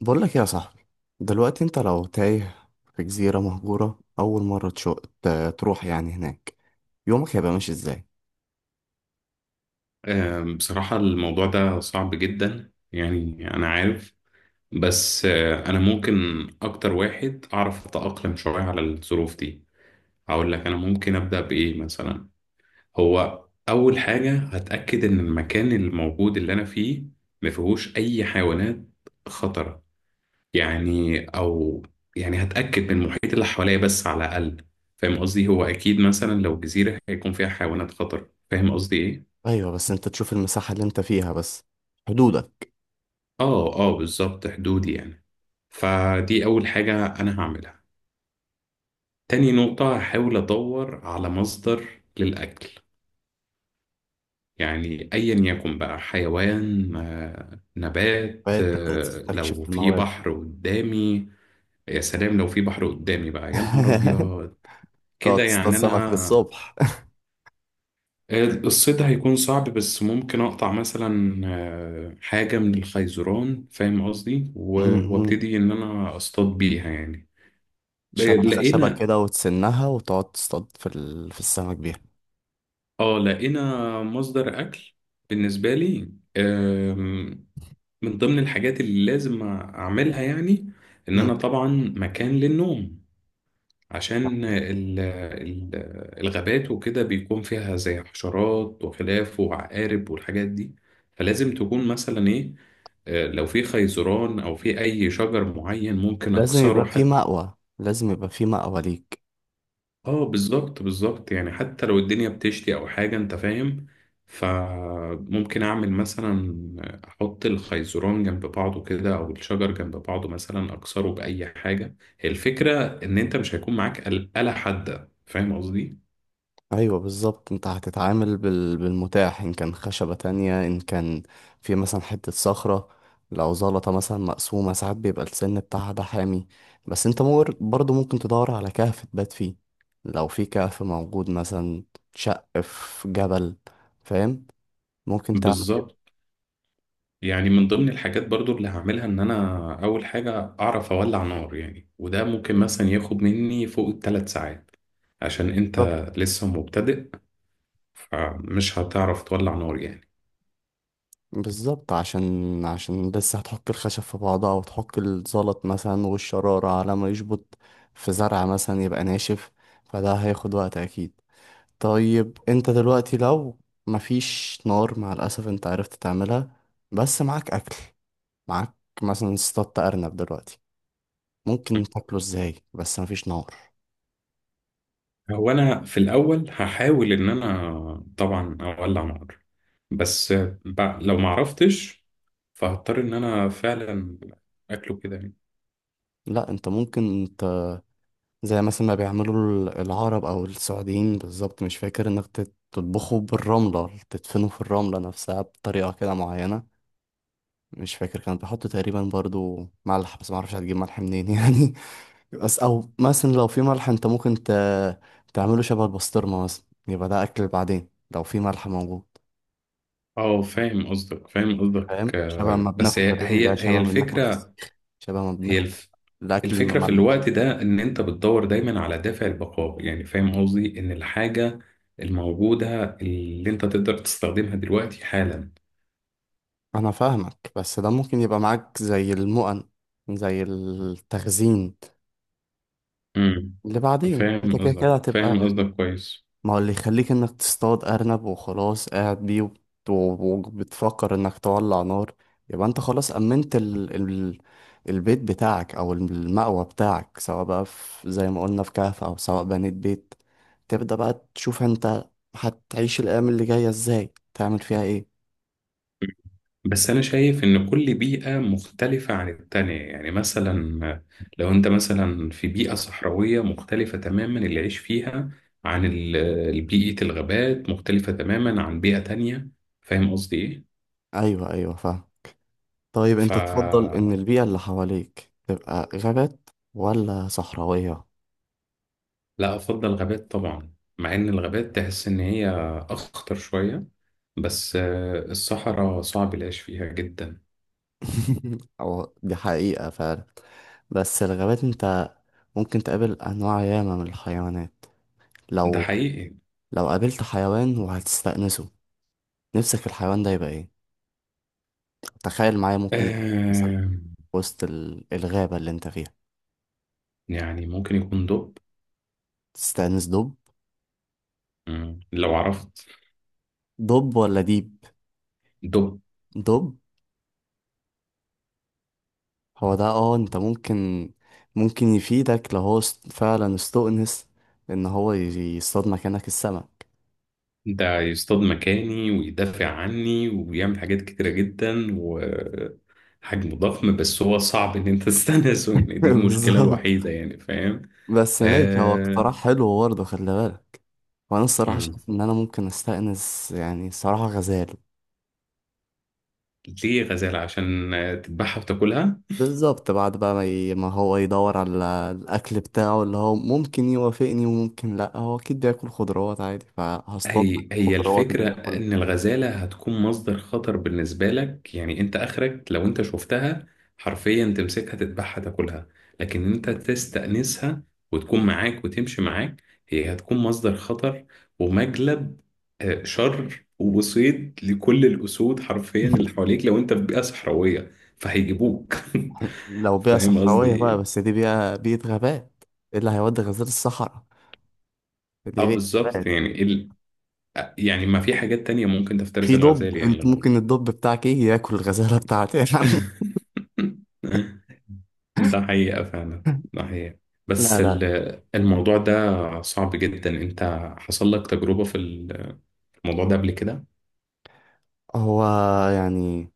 بقول لك يا صاحبي، دلوقتي انت لو تايه في جزيرة مهجورة أول مرة تروح يعني هناك، يومك هيبقى ماشي ازاي؟ بصراحة الموضوع ده صعب جدا يعني أنا عارف. بس أنا ممكن أكتر واحد أعرف أتأقلم شوية على الظروف دي. هقول لك أنا ممكن أبدأ بإيه مثلا. هو أول حاجة هتأكد إن المكان الموجود اللي أنا فيه ما فيهوش أي حيوانات خطرة يعني، أو يعني هتأكد من المحيط اللي حواليا بس على الأقل. فاهم قصدي؟ هو أكيد مثلا لو جزيرة هيكون فيها حيوانات خطر. فاهم قصدي إيه؟ أيوة بس انت تشوف المساحة اللي انت فيها بس، حدودك. آه آه، بالظبط، حدودي يعني. فدي أول حاجة أنا هعملها. تاني نقطة هحاول أدور على مصدر للأكل، يعني أيا يكن بقى حيوان، نبات، فتبدأ تستكشف لو في الموارد. بحر قدامي. يا سلام لو في بحر قدامي بقى، يا نهار أبيض، تقعد كده تصطاد يعني سمك أنا. للصبح. الصيد هيكون صعب، بس ممكن أقطع مثلا حاجة من الخيزران، فاهم قصدي؟ م. وابتدي إن أنا أصطاد بيها يعني. شبكة خشبة لقينا، كده وتسنها وتقعد تصطاد في السمك بيها. اه لقينا مصدر اكل بالنسبه لي. من ضمن الحاجات اللي لازم اعملها يعني ان م. انا طبعا مكان للنوم، عشان الغابات وكده بيكون فيها زي حشرات وخلاف وعقارب والحاجات دي. فلازم تكون مثلا ايه، لو في خيزران او في اي شجر معين ممكن اكسره. لازم يبقى في مأوى ليك. اه بالظبط بالظبط، يعني حتى لو الدنيا بتشتي او حاجة، انت فاهم. فممكن اعمل مثلا، احط الخيزران جنب بعضه كده او الشجر جنب بعضه، مثلا اكسره باي حاجة. هي الفكرة ان انت مش هيكون معاك آلة حادة، فاهم قصدي؟ ايوه بالظبط، انت هتتعامل بالمتاح، ان كان خشبة تانية، ان كان في مثلا حتة صخرة. لو زلطة مثلا مقسومة، ساعات بيبقى السن بتاعها ده حامي. بس انت برضو ممكن تدور على كهف تبات فيه. لو في كهف موجود مثلا، شق في جبل، فاهم؟ ممكن تعمل كده. بالظبط، يعني من ضمن الحاجات برضو اللي هعملها ان انا اول حاجة اعرف اولع نار يعني. وده ممكن مثلا ياخد مني فوق الـ 3 ساعات عشان انت بالظبط لسه مبتدئ، فمش هتعرف تولع نار يعني. بالظبط، عشان لسه هتحك الخشب في بعضها، وتحك الزلط مثلا، والشرارة على ما يشبط في زرع مثلا يبقى ناشف. فده هياخد وقت اكيد. طيب، انت دلوقتي لو مفيش نار مع الأسف انت عرفت تعملها، بس معاك أكل، معاك مثلا اصطادت أرنب دلوقتي، ممكن تاكله ازاي بس مفيش نار؟ هو انا في الاول هحاول ان انا طبعا اولع نار، بس لو ما عرفتش فهضطر ان انا فعلا اكله كده يعني. لا، انت ممكن، انت زي مثلا ما بيعملوا العرب او السعوديين، بالظبط مش فاكر، انك تطبخه بالرملة، تدفنه في الرملة نفسها بطريقة كده معينة. مش فاكر، كان بيحطوا تقريبا برضو ملح، بس معرفش هتجيب ملح منين يعني. بس او مثلا لو في ملح انت ممكن تعمله شبه البسطرمه مثلا، يبقى ده اكل بعدين لو في ملح موجود. اه فاهم قصدك فاهم قصدك. فاهم؟ شبه ما بس بناكل هي الرنجة، هي هي شبه ما بناكل الفكره. الفسيخ، شبه ما هي بناكل الف الاكل الفكره في المملح. الوقت ده ان انت بتدور دايما على دافع البقاء، يعني فاهم قصدي ان الحاجه الموجوده اللي انت تقدر تستخدمها دلوقتي حالا. انا فاهمك، بس ده ممكن يبقى معاك زي المؤن، زي التخزين، امم اللي بعدين انت فاهم كده قصدك كده هتبقى. فاهم قصدك كويس. ما هو اللي يخليك انك تصطاد ارنب وخلاص قاعد بيه، وبتفكر انك تولع نار، يبقى انت خلاص امنت البيت بتاعك او المأوى بتاعك، سواء بقى في زي ما قلنا في كهف، او سواء بنيت بيت. تبدأ بقى تشوف انت هتعيش الايام اللي جاية ازاي، تعمل فيها ايه. بس أنا شايف إن كل بيئة مختلفة عن التانية، يعني مثلا لو أنت مثلا في بيئة صحراوية مختلفة تماما اللي يعيش فيها، عن بيئة الغابات، مختلفة تماما عن بيئة تانية. فاهم قصدي إيه؟ ايوه، ايوه، فاهم. طيب انت تفضل فلا، ان البيئة اللي حواليك تبقى غابات ولا صحراوية؟ أفضل غابات طبعا. مع إن الغابات تحس إن هي أخطر شوية، بس الصحراء صعب العيش فيها جدا. او دي حقيقة فعلا. بس الغابات انت ممكن تقابل أنواع ياما من الحيوانات. ده لو حقيقي. لو قابلت حيوان وهتستأنسه، نفسك الحيوان ده يبقى إيه؟ تخيل معايا، ممكن يبقى إيه مثلا آه، وسط الغابة اللي أنت فيها؟ يعني ممكن يكون دب. تستأنس دب؟ لو عرفت دب ولا ديب؟ دب، دب. هو ده، اه أنت ممكن يفيدك لو هو فعلا استؤنس، إن هو يصطاد مكانك السمك. ده يصطاد مكاني ويدافع عني وبيعمل حاجات كتيرة جدا، وحجمه ضخم. بس هو صعب ان انت تستنسه يعني، دي المشكلة بالظبط. الوحيدة يعني، فاهم؟ بس ماشي، هو اقتراح آه... حلو برضه، خلي بالك. وأنا الصراحة مم. شايف إن أنا ممكن أستأنس يعني، الصراحة، غزال. ليه غزالة؟ عشان تذبحها وتاكلها. بالظبط، بعد بقى ما هو يدور على الأكل بتاعه، اللي هو ممكن يوافقني وممكن لأ، هو أكيد بياكل خضروات عادي، فهصطاد هي الخضروات اللي الفكرة إن بياكلها. الغزالة هتكون مصدر خطر بالنسبة لك، يعني أنت آخرك لو أنت شفتها حرفيا تمسكها تذبحها تاكلها. لكن أنت تستأنسها وتكون معاك وتمشي معاك، هي هتكون مصدر خطر ومجلب شر، وصيد لكل الأسود حرفيا اللي حواليك لو أنت في بيئة صحراوية، فهيجيبوك. لو بيئة فاهم قصدي صحراوية بقى، إيه؟ بس دي بيئة غابات. إيه اللي هيودي غزالة الصحراء، أه دي بيئة بالظبط غابات. يعني ال... يعني ما في حاجات تانية ممكن تفترس في دب، الغزال انت يعني. ممكن الدب بتاعك ايه ياكل الغزالة بتاعتي يا عم. ده حقيقة فعلا، ده حقيقة. لا، بس لا. الموضوع ده صعب جدا. انت حصل لك تجربة في الموضوع ده قبل كده؟ هو يعني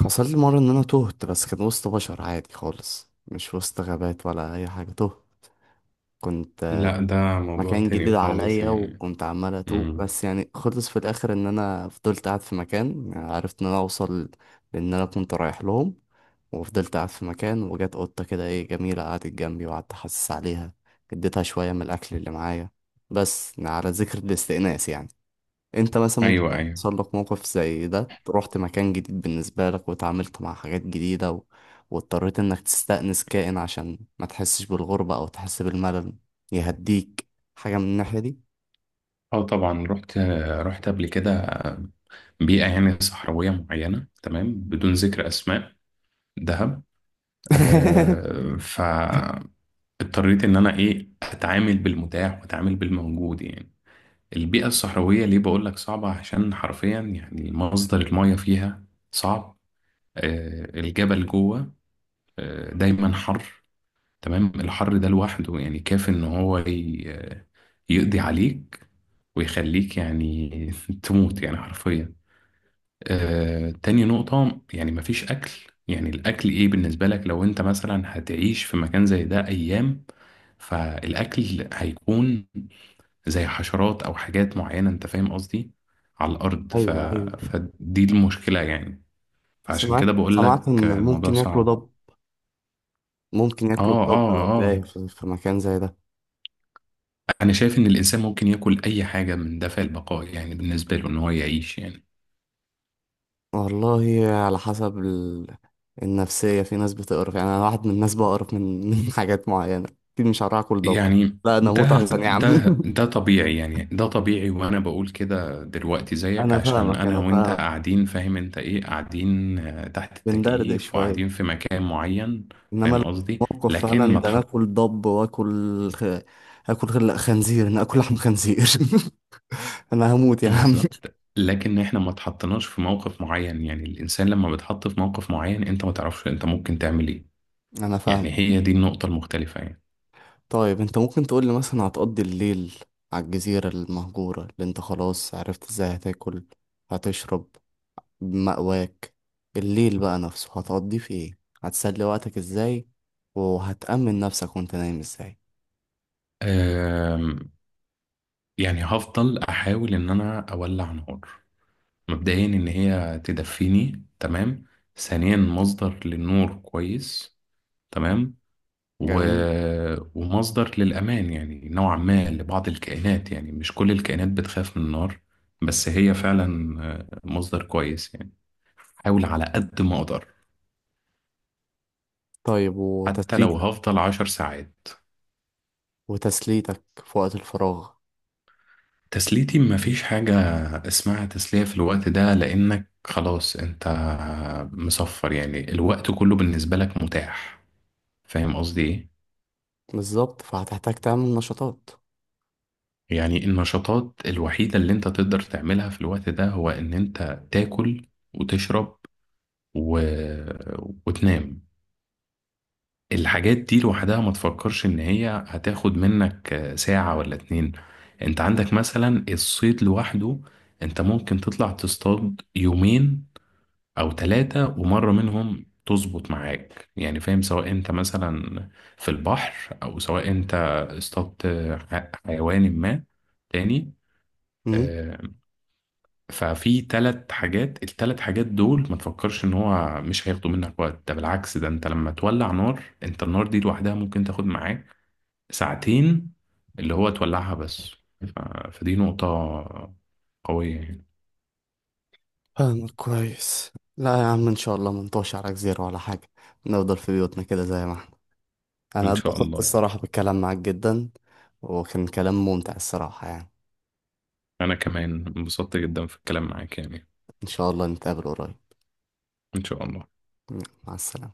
حصل لي مرة ان انا تهت، بس كان وسط بشر عادي خالص، مش وسط غابات ولا اي حاجة. تهت، كنت لا، ده موضوع مكان جديد تاني خالص عليا، يعني. وكنت عمال اتوه، مم. بس يعني خلص في الاخر ان انا فضلت قاعد في مكان، يعني عرفت ان انا اوصل، لان انا كنت رايح لهم. وفضلت قاعد في مكان، وجت قطة كده ايه جميلة، قعدت جنبي، وقعدت احسس عليها، اديتها شوية من الاكل اللي معايا. بس يعني على ذكر الاستئناس يعني، انت مثلا ممكن ايوه ايوه. يحصل لك موقف زي ده، رحت مكان جديد بالنسبة لك، وتعاملت مع حاجات جديدة و... واضطريت انك تستأنس كائن عشان ما تحسش بالغربة او تحس بالملل، يهديك حاجة من الناحية دي. اه طبعا، رحت رحت قبل كده بيئة يعني صحراوية معينة، تمام، بدون ذكر اسماء، دهب. آه، فاضطريت ان انا ايه اتعامل بالمتاح واتعامل بالموجود يعني. البيئة الصحراوية ليه بقول لك صعبة؟ عشان حرفيا يعني مصدر المياه فيها صعب، الجبل جوه، دايما حر. تمام، الحر ده لوحده يعني كافي ان هو يقضي عليك ويخليك يعني تموت يعني حرفيا. تاني نقطة يعني مفيش أكل. يعني الأكل إيه بالنسبة لك لو أنت مثلا هتعيش في مكان زي ده أيام؟ فالأكل هيكون زي حشرات او حاجات معينه، انت فاهم قصدي؟ على الارض ف... ايوه، ايوه. فدي المشكله يعني، فعشان سمعت كده بقول سمعت لك ان الموضوع ممكن ياكلوا صعب. ضب، ممكن اه ياكلوا الضب اه لو تايه اه، في مكان زي ده. انا شايف ان الانسان ممكن ياكل اي حاجه من دافع البقاء يعني بالنسبه له ان هو يعيش يعني. والله على حسب النفسية، في ناس بتقرف يعني، انا واحد من الناس بقرف من من حاجات معينة. اكيد مش هروح اكل ضب. يعني لا، انا اموت ده احسن يا عم. ده ده طبيعي يعني، ده طبيعي. وانا بقول كده دلوقتي زيك انا عشان فاهمك، انا انا وانت فاهمك، قاعدين، فاهم انت ايه، قاعدين تحت بندردش التكييف شويه. وقاعدين في مكان معين، انما فاهم لو قصدي؟ موقف لكن فعلا، ما ده انا تحط. اكل ضب، اكل خنزير، انا اكل لحم خنزير. انا هموت يا عم. بالظبط، لكن احنا ما اتحطناش في موقف معين يعني. الانسان لما بيتحط في موقف معين انت ما تعرفش انت ممكن تعمل ايه. انا فاهم. يعني هي دي النقطة المختلفة يعني. طيب انت ممكن تقول لي مثلا هتقضي الليل على الجزيره المهجوره اللي انت خلاص عرفت ازاي هتاكل، هتشرب، مأواك؟ الليل بقى نفسه هتقضيه في ايه، هتسلي وقتك ازاي، وهتأمن نفسك وانت نايم ازاي؟ أم، يعني هفضل احاول ان انا اولع نار. مبدئيا ان هي تدفيني، تمام. ثانيا مصدر للنور كويس، تمام. و... جميل. ومصدر للامان يعني نوعا ما لبعض الكائنات، يعني مش كل الكائنات بتخاف من النار، بس هي فعلا مصدر كويس يعني. احاول على قد ما اقدر، طيب حتى لو وتسليتك هفضل 10 ساعات. وتسليتك في وقت الفراغ. تسليتي مفيش حاجة اسمها تسلية في الوقت ده، لانك خلاص انت مصفر، يعني الوقت كله بالنسبة لك متاح، فاهم قصدي ايه؟ بالظبط، فهتحتاج تعمل نشاطات. يعني النشاطات الوحيدة اللي انت تقدر تعملها في الوقت ده هو ان انت تاكل وتشرب و... وتنام. الحاجات دي لوحدها ما تفكرش ان هي هتاخد منك ساعة ولا اتنين. انت عندك مثلا الصيد لوحده، انت ممكن تطلع تصطاد يومين او ثلاثة ومرة منهم تظبط معاك يعني، فاهم، سواء انت مثلا في البحر او سواء انت اصطادت حيوان ما تاني. امم. آه، ففي ثلاث حاجات، الثلاث حاجات دول ما تفكرش ان هو مش هياخدوا منك وقت. ده بالعكس، ده انت لما تولع نار، انت النار دي لوحدها ممكن تاخد معاك ساعتين اللي هو تولعها بس. ف... فدي نقطة قوية يعني. فاهمك كويس. لا يا عم ان شاء الله منطوش على جزيرة ولا حاجة، نفضل في بيوتنا كده زي ما احنا. انا إن شاء اتبسطت الله يعني. الصراحة بالكلام معاك جدا، وكان كلام ممتع الصراحة يعني. أنا كمان انبسطت جدا في الكلام معاك يعني. ان شاء الله نتقابل قريب. إن شاء الله. مع السلامة.